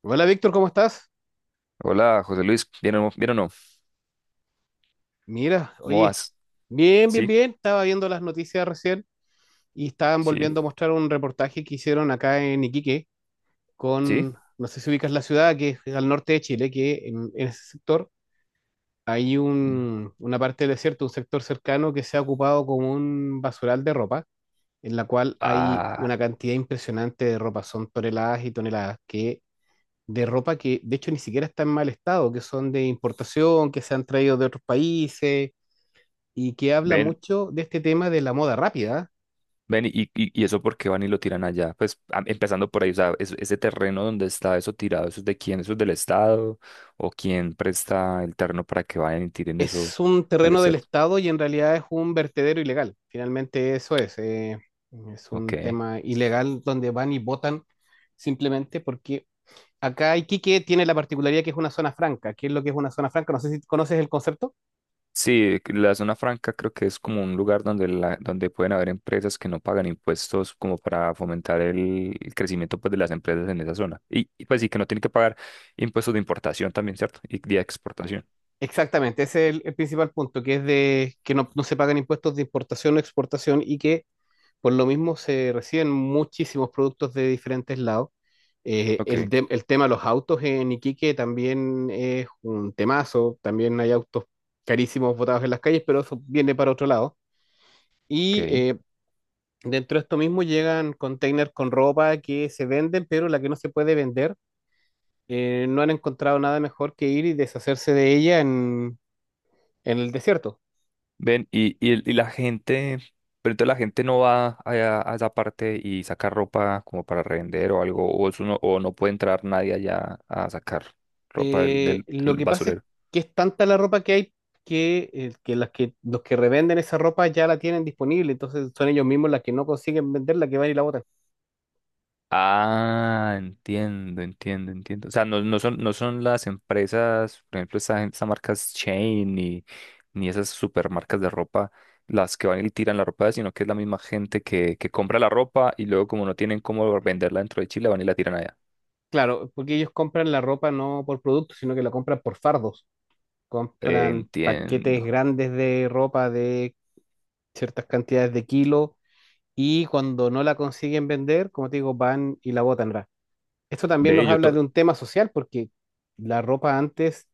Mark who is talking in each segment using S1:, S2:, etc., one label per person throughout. S1: Hola Víctor, ¿cómo estás?
S2: Hola, José Luis. ¿Bien o no? ¿Bien o no?
S1: Mira,
S2: ¿Cómo
S1: oye,
S2: vas?
S1: bien, bien,
S2: Sí,
S1: bien. Estaba viendo las noticias recién y estaban
S2: sí,
S1: volviendo a mostrar un reportaje que hicieron acá en Iquique
S2: sí.
S1: con, no sé si ubicas la ciudad, que es al norte de Chile, que en ese sector hay
S2: Mm.
S1: una parte del desierto, un sector cercano que se ha ocupado como un basural de ropa, en la cual hay
S2: Ah,
S1: una cantidad impresionante de ropa, son toneladas y toneladas que, de ropa que de hecho ni siquiera está en mal estado, que son de importación, que se han traído de otros países y que habla
S2: ven,
S1: mucho de este tema de la moda rápida.
S2: ven, y eso por qué van y lo tiran allá. Pues empezando por ahí, o sea, ese terreno donde está eso tirado, ¿eso es de quién? ¿Eso es del Estado? ¿O quién presta el terreno para que vayan y tiren eso
S1: Es un
S2: al
S1: terreno del
S2: desierto?
S1: Estado y en realidad es un vertedero ilegal. Finalmente eso es. Es un
S2: Ok.
S1: tema ilegal donde van y votan simplemente porque acá Iquique tiene la particularidad que es una zona franca. ¿Qué es lo que es una zona franca? No sé si conoces el concepto.
S2: Sí, la zona franca creo que es como un lugar donde, donde pueden haber empresas que no pagan impuestos como para fomentar el crecimiento pues, de las empresas en esa zona. Pues sí, que no tienen que pagar impuestos de importación también, ¿cierto? Y de exportación.
S1: Exactamente, ese es el principal punto, que es de que no se pagan impuestos de importación o exportación y que por lo mismo se reciben muchísimos productos de diferentes lados. Eh,
S2: Ok,
S1: el, de- el tema de los autos en Iquique también es un temazo. También hay autos carísimos botados en las calles, pero eso viene para otro lado.
S2: ok.
S1: Y dentro de esto mismo llegan containers con ropa que se venden, pero la que no se puede vender, no han encontrado nada mejor que ir y deshacerse de ella en el desierto.
S2: Ven, y la gente, pero entonces la gente no va allá a esa parte y saca ropa como para revender o algo, o, eso no, o no puede entrar nadie allá a sacar ropa
S1: Lo
S2: del
S1: que pasa es
S2: basurero.
S1: que es tanta la ropa que hay que, las que los que revenden esa ropa ya la tienen disponible, entonces son ellos mismos las que no consiguen venderla, que van y la botan.
S2: Ah, entiendo, entiendo, entiendo. O sea, no, no son las empresas, por ejemplo, esa marca Shein ni esas supermarcas de ropa las que van y tiran la ropa, sino que es la misma gente que compra la ropa y luego como no tienen cómo venderla dentro de Chile, van y la tiran allá.
S1: Claro, porque ellos compran la ropa no por producto, sino que la compran por fardos. Compran paquetes
S2: Entiendo.
S1: grandes de ropa de ciertas cantidades de kilos y cuando no la consiguen vender, como te digo, van y la botan. Ra. Esto también
S2: Ve,
S1: nos
S2: yo
S1: habla de
S2: to-
S1: un tema social, porque la ropa antes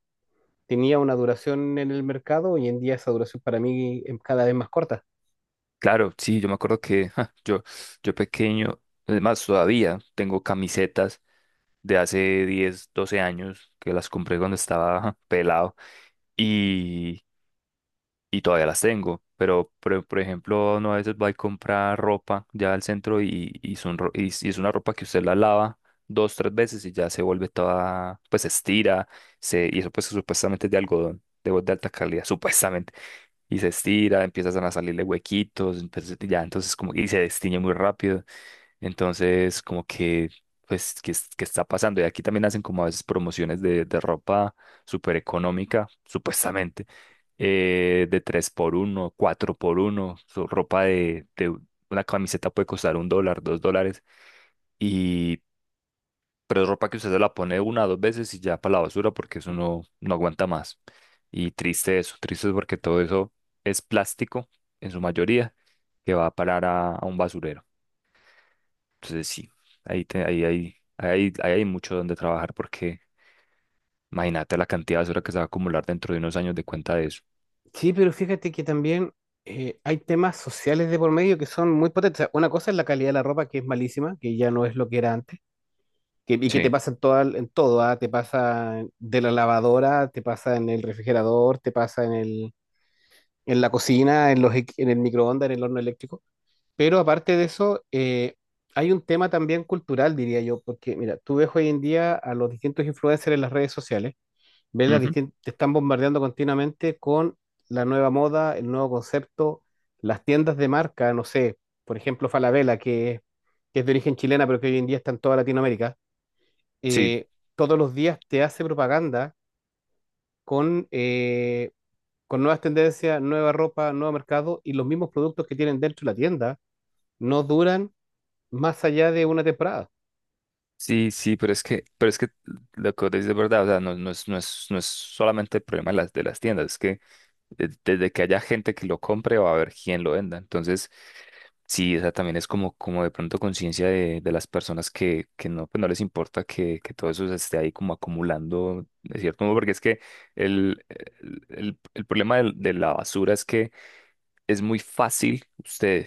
S1: tenía una duración en el mercado, hoy en día esa duración para mí es cada vez más corta.
S2: claro, sí, yo me acuerdo que yo pequeño, además todavía tengo camisetas de hace 10, 12 años que las compré cuando estaba pelado. Y todavía las tengo, pero por ejemplo, uno a veces va a comprar ropa ya al centro y, son ro- y es una ropa que usted la lava 2, 3 veces y ya se vuelve toda, pues se estira, y eso pues supuestamente es de algodón, de alta calidad, supuestamente, y se estira, empiezan a salirle huequitos, entonces, ya entonces como, y se destiñe muy rápido. Entonces, como que, pues, qué está pasando? Y aquí también hacen como a veces promociones de ropa súper económica, supuestamente, de 3 por 1, 4 por 1 su ropa una camiseta puede costar $1, $2, y, pero es ropa que usted se la pone una o dos veces y ya para la basura porque eso no aguanta más. Y triste eso, triste porque todo eso es plástico en su mayoría que va a parar a un basurero. Entonces sí, ahí, te- ahí, ahí ahí, ahí hay mucho donde trabajar porque imagínate la cantidad de basura que se va a acumular dentro de unos años de cuenta de eso.
S1: Sí, pero fíjate que también hay temas sociales de por medio que son muy potentes. O sea, una cosa es la calidad de la ropa, que es malísima, que ya no es lo que era antes, y que te
S2: Sí,
S1: pasa en todo, ¿ah? Te pasa de la lavadora, te pasa en el refrigerador, te pasa en la cocina, en el microondas, en el horno eléctrico. Pero aparte de eso, hay un tema también cultural, diría yo, porque mira, tú ves hoy en día a los distintos influencers en las redes sociales.
S2: ujú,
S1: Te están bombardeando continuamente con la nueva moda, el nuevo concepto, las tiendas de marca, no sé, por ejemplo, Falabella, que es de origen chilena, pero que hoy en día está en toda Latinoamérica,
S2: sí,
S1: eh, todos los días te hace propaganda con, eh, con nuevas tendencias, nueva ropa, nuevo mercado y los mismos productos que tienen dentro de la tienda no duran más allá de una temporada.
S2: sí, sí, pero es que lo que vos decís es verdad, o sea, no, no es solamente el problema de las, tiendas, es que desde que haya gente que lo compre va a haber quien lo venda. Entonces, sí, o sea, también es como, como de pronto conciencia de las personas que no, pues no les importa que todo eso se esté ahí como acumulando, de cierto modo, porque es que el problema la basura es que es muy fácil usted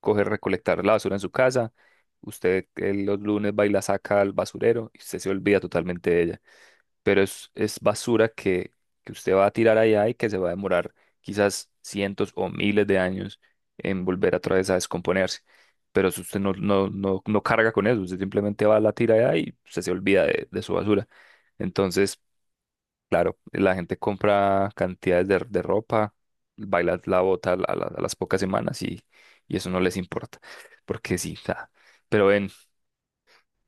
S2: coger, recolectar la basura en su casa. Usted los lunes va y la saca al basurero y usted se olvida totalmente de ella. Pero es basura que usted va a tirar allá y que se va a demorar quizás cientos o miles de años en volver otra vez a descomponerse. Pero si usted no carga con eso, usted simplemente va a la tira allá y usted se olvida de su basura. Entonces, claro, la gente compra cantidades de ropa, baila la bota a las pocas semanas y eso no les importa, porque sí, ja. Pero ven,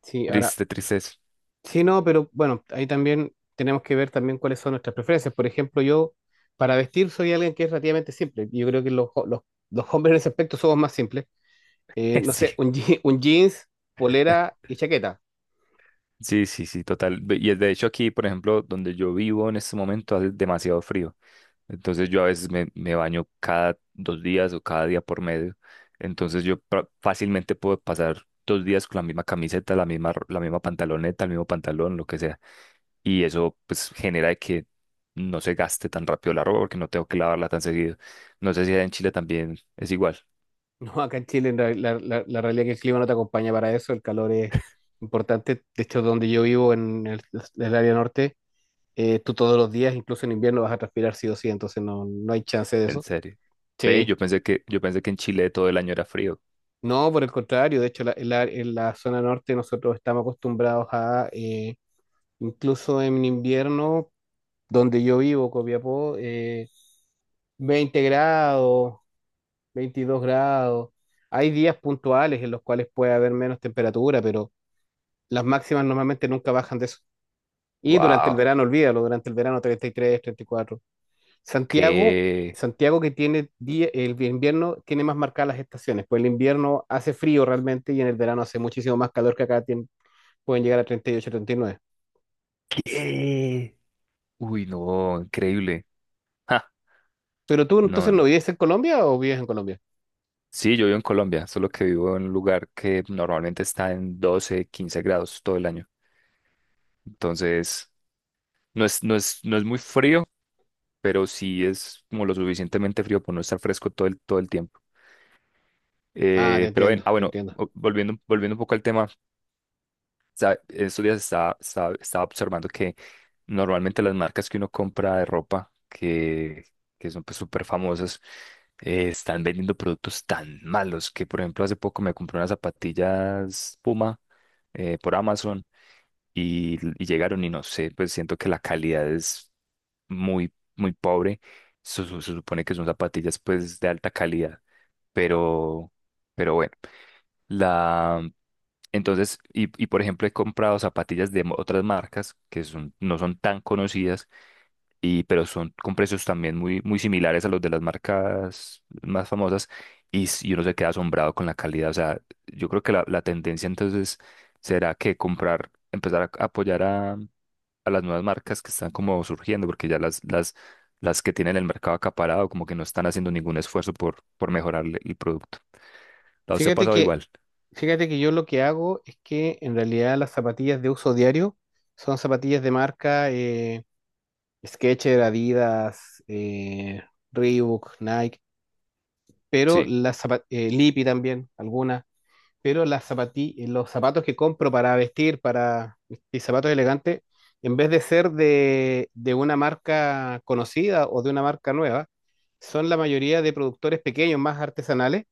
S1: Sí, ahora.
S2: triste, triste eso.
S1: Sí, no, pero bueno, ahí también tenemos que ver también cuáles son nuestras preferencias. Por ejemplo, yo para vestir soy alguien que es relativamente simple. Yo creo que los hombres en ese aspecto somos más simples. No sé, un jeans, polera y chaqueta.
S2: Sí, sí, sí, sí, total. Y de hecho aquí, por ejemplo, donde yo vivo en este momento hace demasiado frío, entonces yo a veces me baño cada 2 días o cada día por medio, entonces yo fácilmente puedo pasar 2 días con la misma camiseta, la misma pantaloneta, el mismo pantalón, lo que sea. Y eso pues genera de que no se gaste tan rápido la ropa porque no tengo que lavarla tan seguido. No sé si allá en Chile también es igual,
S1: No, acá en Chile en real- la realidad es que el clima no te acompaña para eso, el calor es importante. De hecho, donde yo vivo en el área norte, tú todos los días, incluso en invierno, vas a transpirar sí o sí, entonces no hay chance de
S2: en
S1: eso.
S2: serio. Ve,
S1: Sí.
S2: yo pensé que en Chile todo el año era frío.
S1: No, por el contrario, de hecho, en la zona norte nosotros estamos acostumbrados a, incluso en invierno, donde yo vivo, Copiapó, 20 grados, 22 grados. Hay días puntuales en los cuales puede haber menos temperatura, pero las máximas normalmente nunca bajan de eso. Y durante el
S2: Wow,
S1: verano, olvídalo, durante el verano 30, 33, 34. Santiago,
S2: qué
S1: Santiago el invierno tiene más marcadas las estaciones, pues el invierno hace frío realmente y en el verano hace muchísimo más calor que acá pueden llegar a 30, 38, 39.
S2: qué uy, no, increíble. Ja,
S1: ¿Pero tú
S2: no,
S1: entonces no
S2: no.
S1: vives en Colombia o vives en Colombia?
S2: Sí, yo vivo en Colombia, solo que vivo en un lugar que normalmente está en 12-15 grados todo el año. Entonces, no es, no es muy frío, pero sí es como lo suficientemente frío por no estar fresco todo el tiempo.
S1: Ah, te
S2: Pero ven,
S1: entiendo,
S2: ah,
S1: te
S2: bueno,
S1: entiendo.
S2: volviendo, volviendo un poco al tema, estos días estaba, estaba observando que normalmente las marcas que uno compra de ropa, que son pues súper famosas, están vendiendo productos tan malos que, por ejemplo, hace poco me compré unas zapatillas Puma por Amazon y llegaron y no sé, pues siento que la calidad es muy, muy pobre. Se supone que son zapatillas pues de alta calidad, pero, pero bueno. La, entonces, por ejemplo, he comprado zapatillas otras marcas que son, no son tan conocidas, y, pero son con precios también muy, muy similares a los de las marcas más famosas, y uno se queda asombrado con la calidad. O sea, yo creo que la tendencia entonces será que comprar, empezar a apoyar a las nuevas marcas que están como surgiendo, porque ya las que tienen el mercado acaparado, como que no están haciendo ningún esfuerzo por mejorar el producto. ¿A usted ha
S1: Fíjate
S2: pasado
S1: que,
S2: igual?
S1: fíjate que yo lo que hago es que en realidad las zapatillas de uso diario son zapatillas de marca Skechers, Adidas, Reebok, Nike, pero
S2: Sí.
S1: Lipi también, algunas. Pero los zapatos que compro para vestir, para mis zapatos elegantes, en vez de ser de una marca conocida o de una marca nueva, son la mayoría de productores pequeños, más artesanales,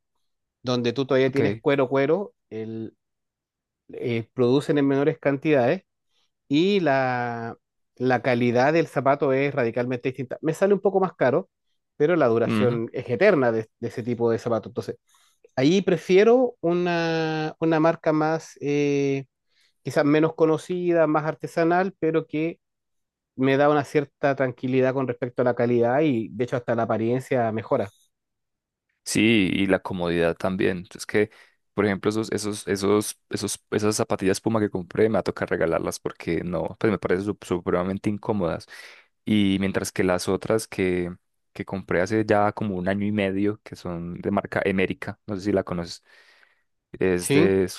S1: donde tú todavía tienes
S2: Ok.
S1: cuero, cuero, producen en menores cantidades y la calidad del zapato es radicalmente distinta. Me sale un poco más caro, pero la
S2: Ujú.
S1: duración es eterna de ese tipo de zapatos. Ahí prefiero una marca más, quizás menos conocida, más artesanal, pero que me da una cierta tranquilidad con respecto a la calidad y de hecho hasta la apariencia mejora.
S2: Sí, y la comodidad también. Es que, por ejemplo, esas zapatillas Puma que compré me va a tocar regalarlas porque no, pues me parecen supremamente incómodas. Y mientras que las otras que compré hace ya como un año y medio, que son de marca Emérica, no sé si la conoces, es
S1: Sí,
S2: de,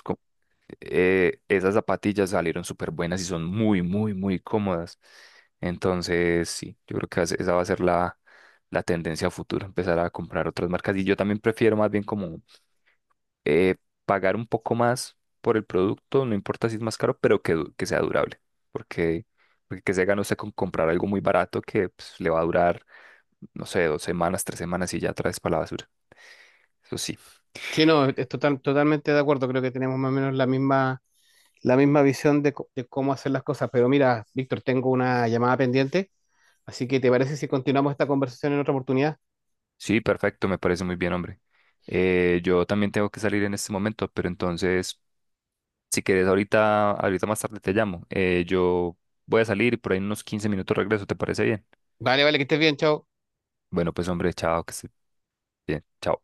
S2: esas zapatillas salieron súper buenas y son muy, muy, muy cómodas. Entonces, sí, yo creo que esa va a ser la tendencia a futuro, empezar a comprar otras marcas. Y yo también prefiero más bien como eh, pagar un poco más por el producto, no importa si es más caro, pero que sea durable. Porque, porque que se gana usted con comprar algo muy barato que pues, le va a durar, no sé, 2 semanas, 3 semanas y ya traes para la basura. Eso sí.
S1: sí, no, es totalmente de acuerdo. Creo que tenemos más o menos la misma visión de, de cómo hacer las cosas. Pero mira, Víctor, tengo una llamada pendiente, así que ¿te parece si continuamos esta conversación en otra oportunidad?
S2: Sí, perfecto, me parece muy bien, hombre. Yo también tengo que salir en este momento, pero entonces, si quieres, ahorita más tarde te llamo. Yo voy a salir y por ahí en unos 15 minutos regreso, ¿te parece bien?
S1: Vale, vale, que estés bien, chao.
S2: Bueno, pues hombre, chao, que estés bien. Chao.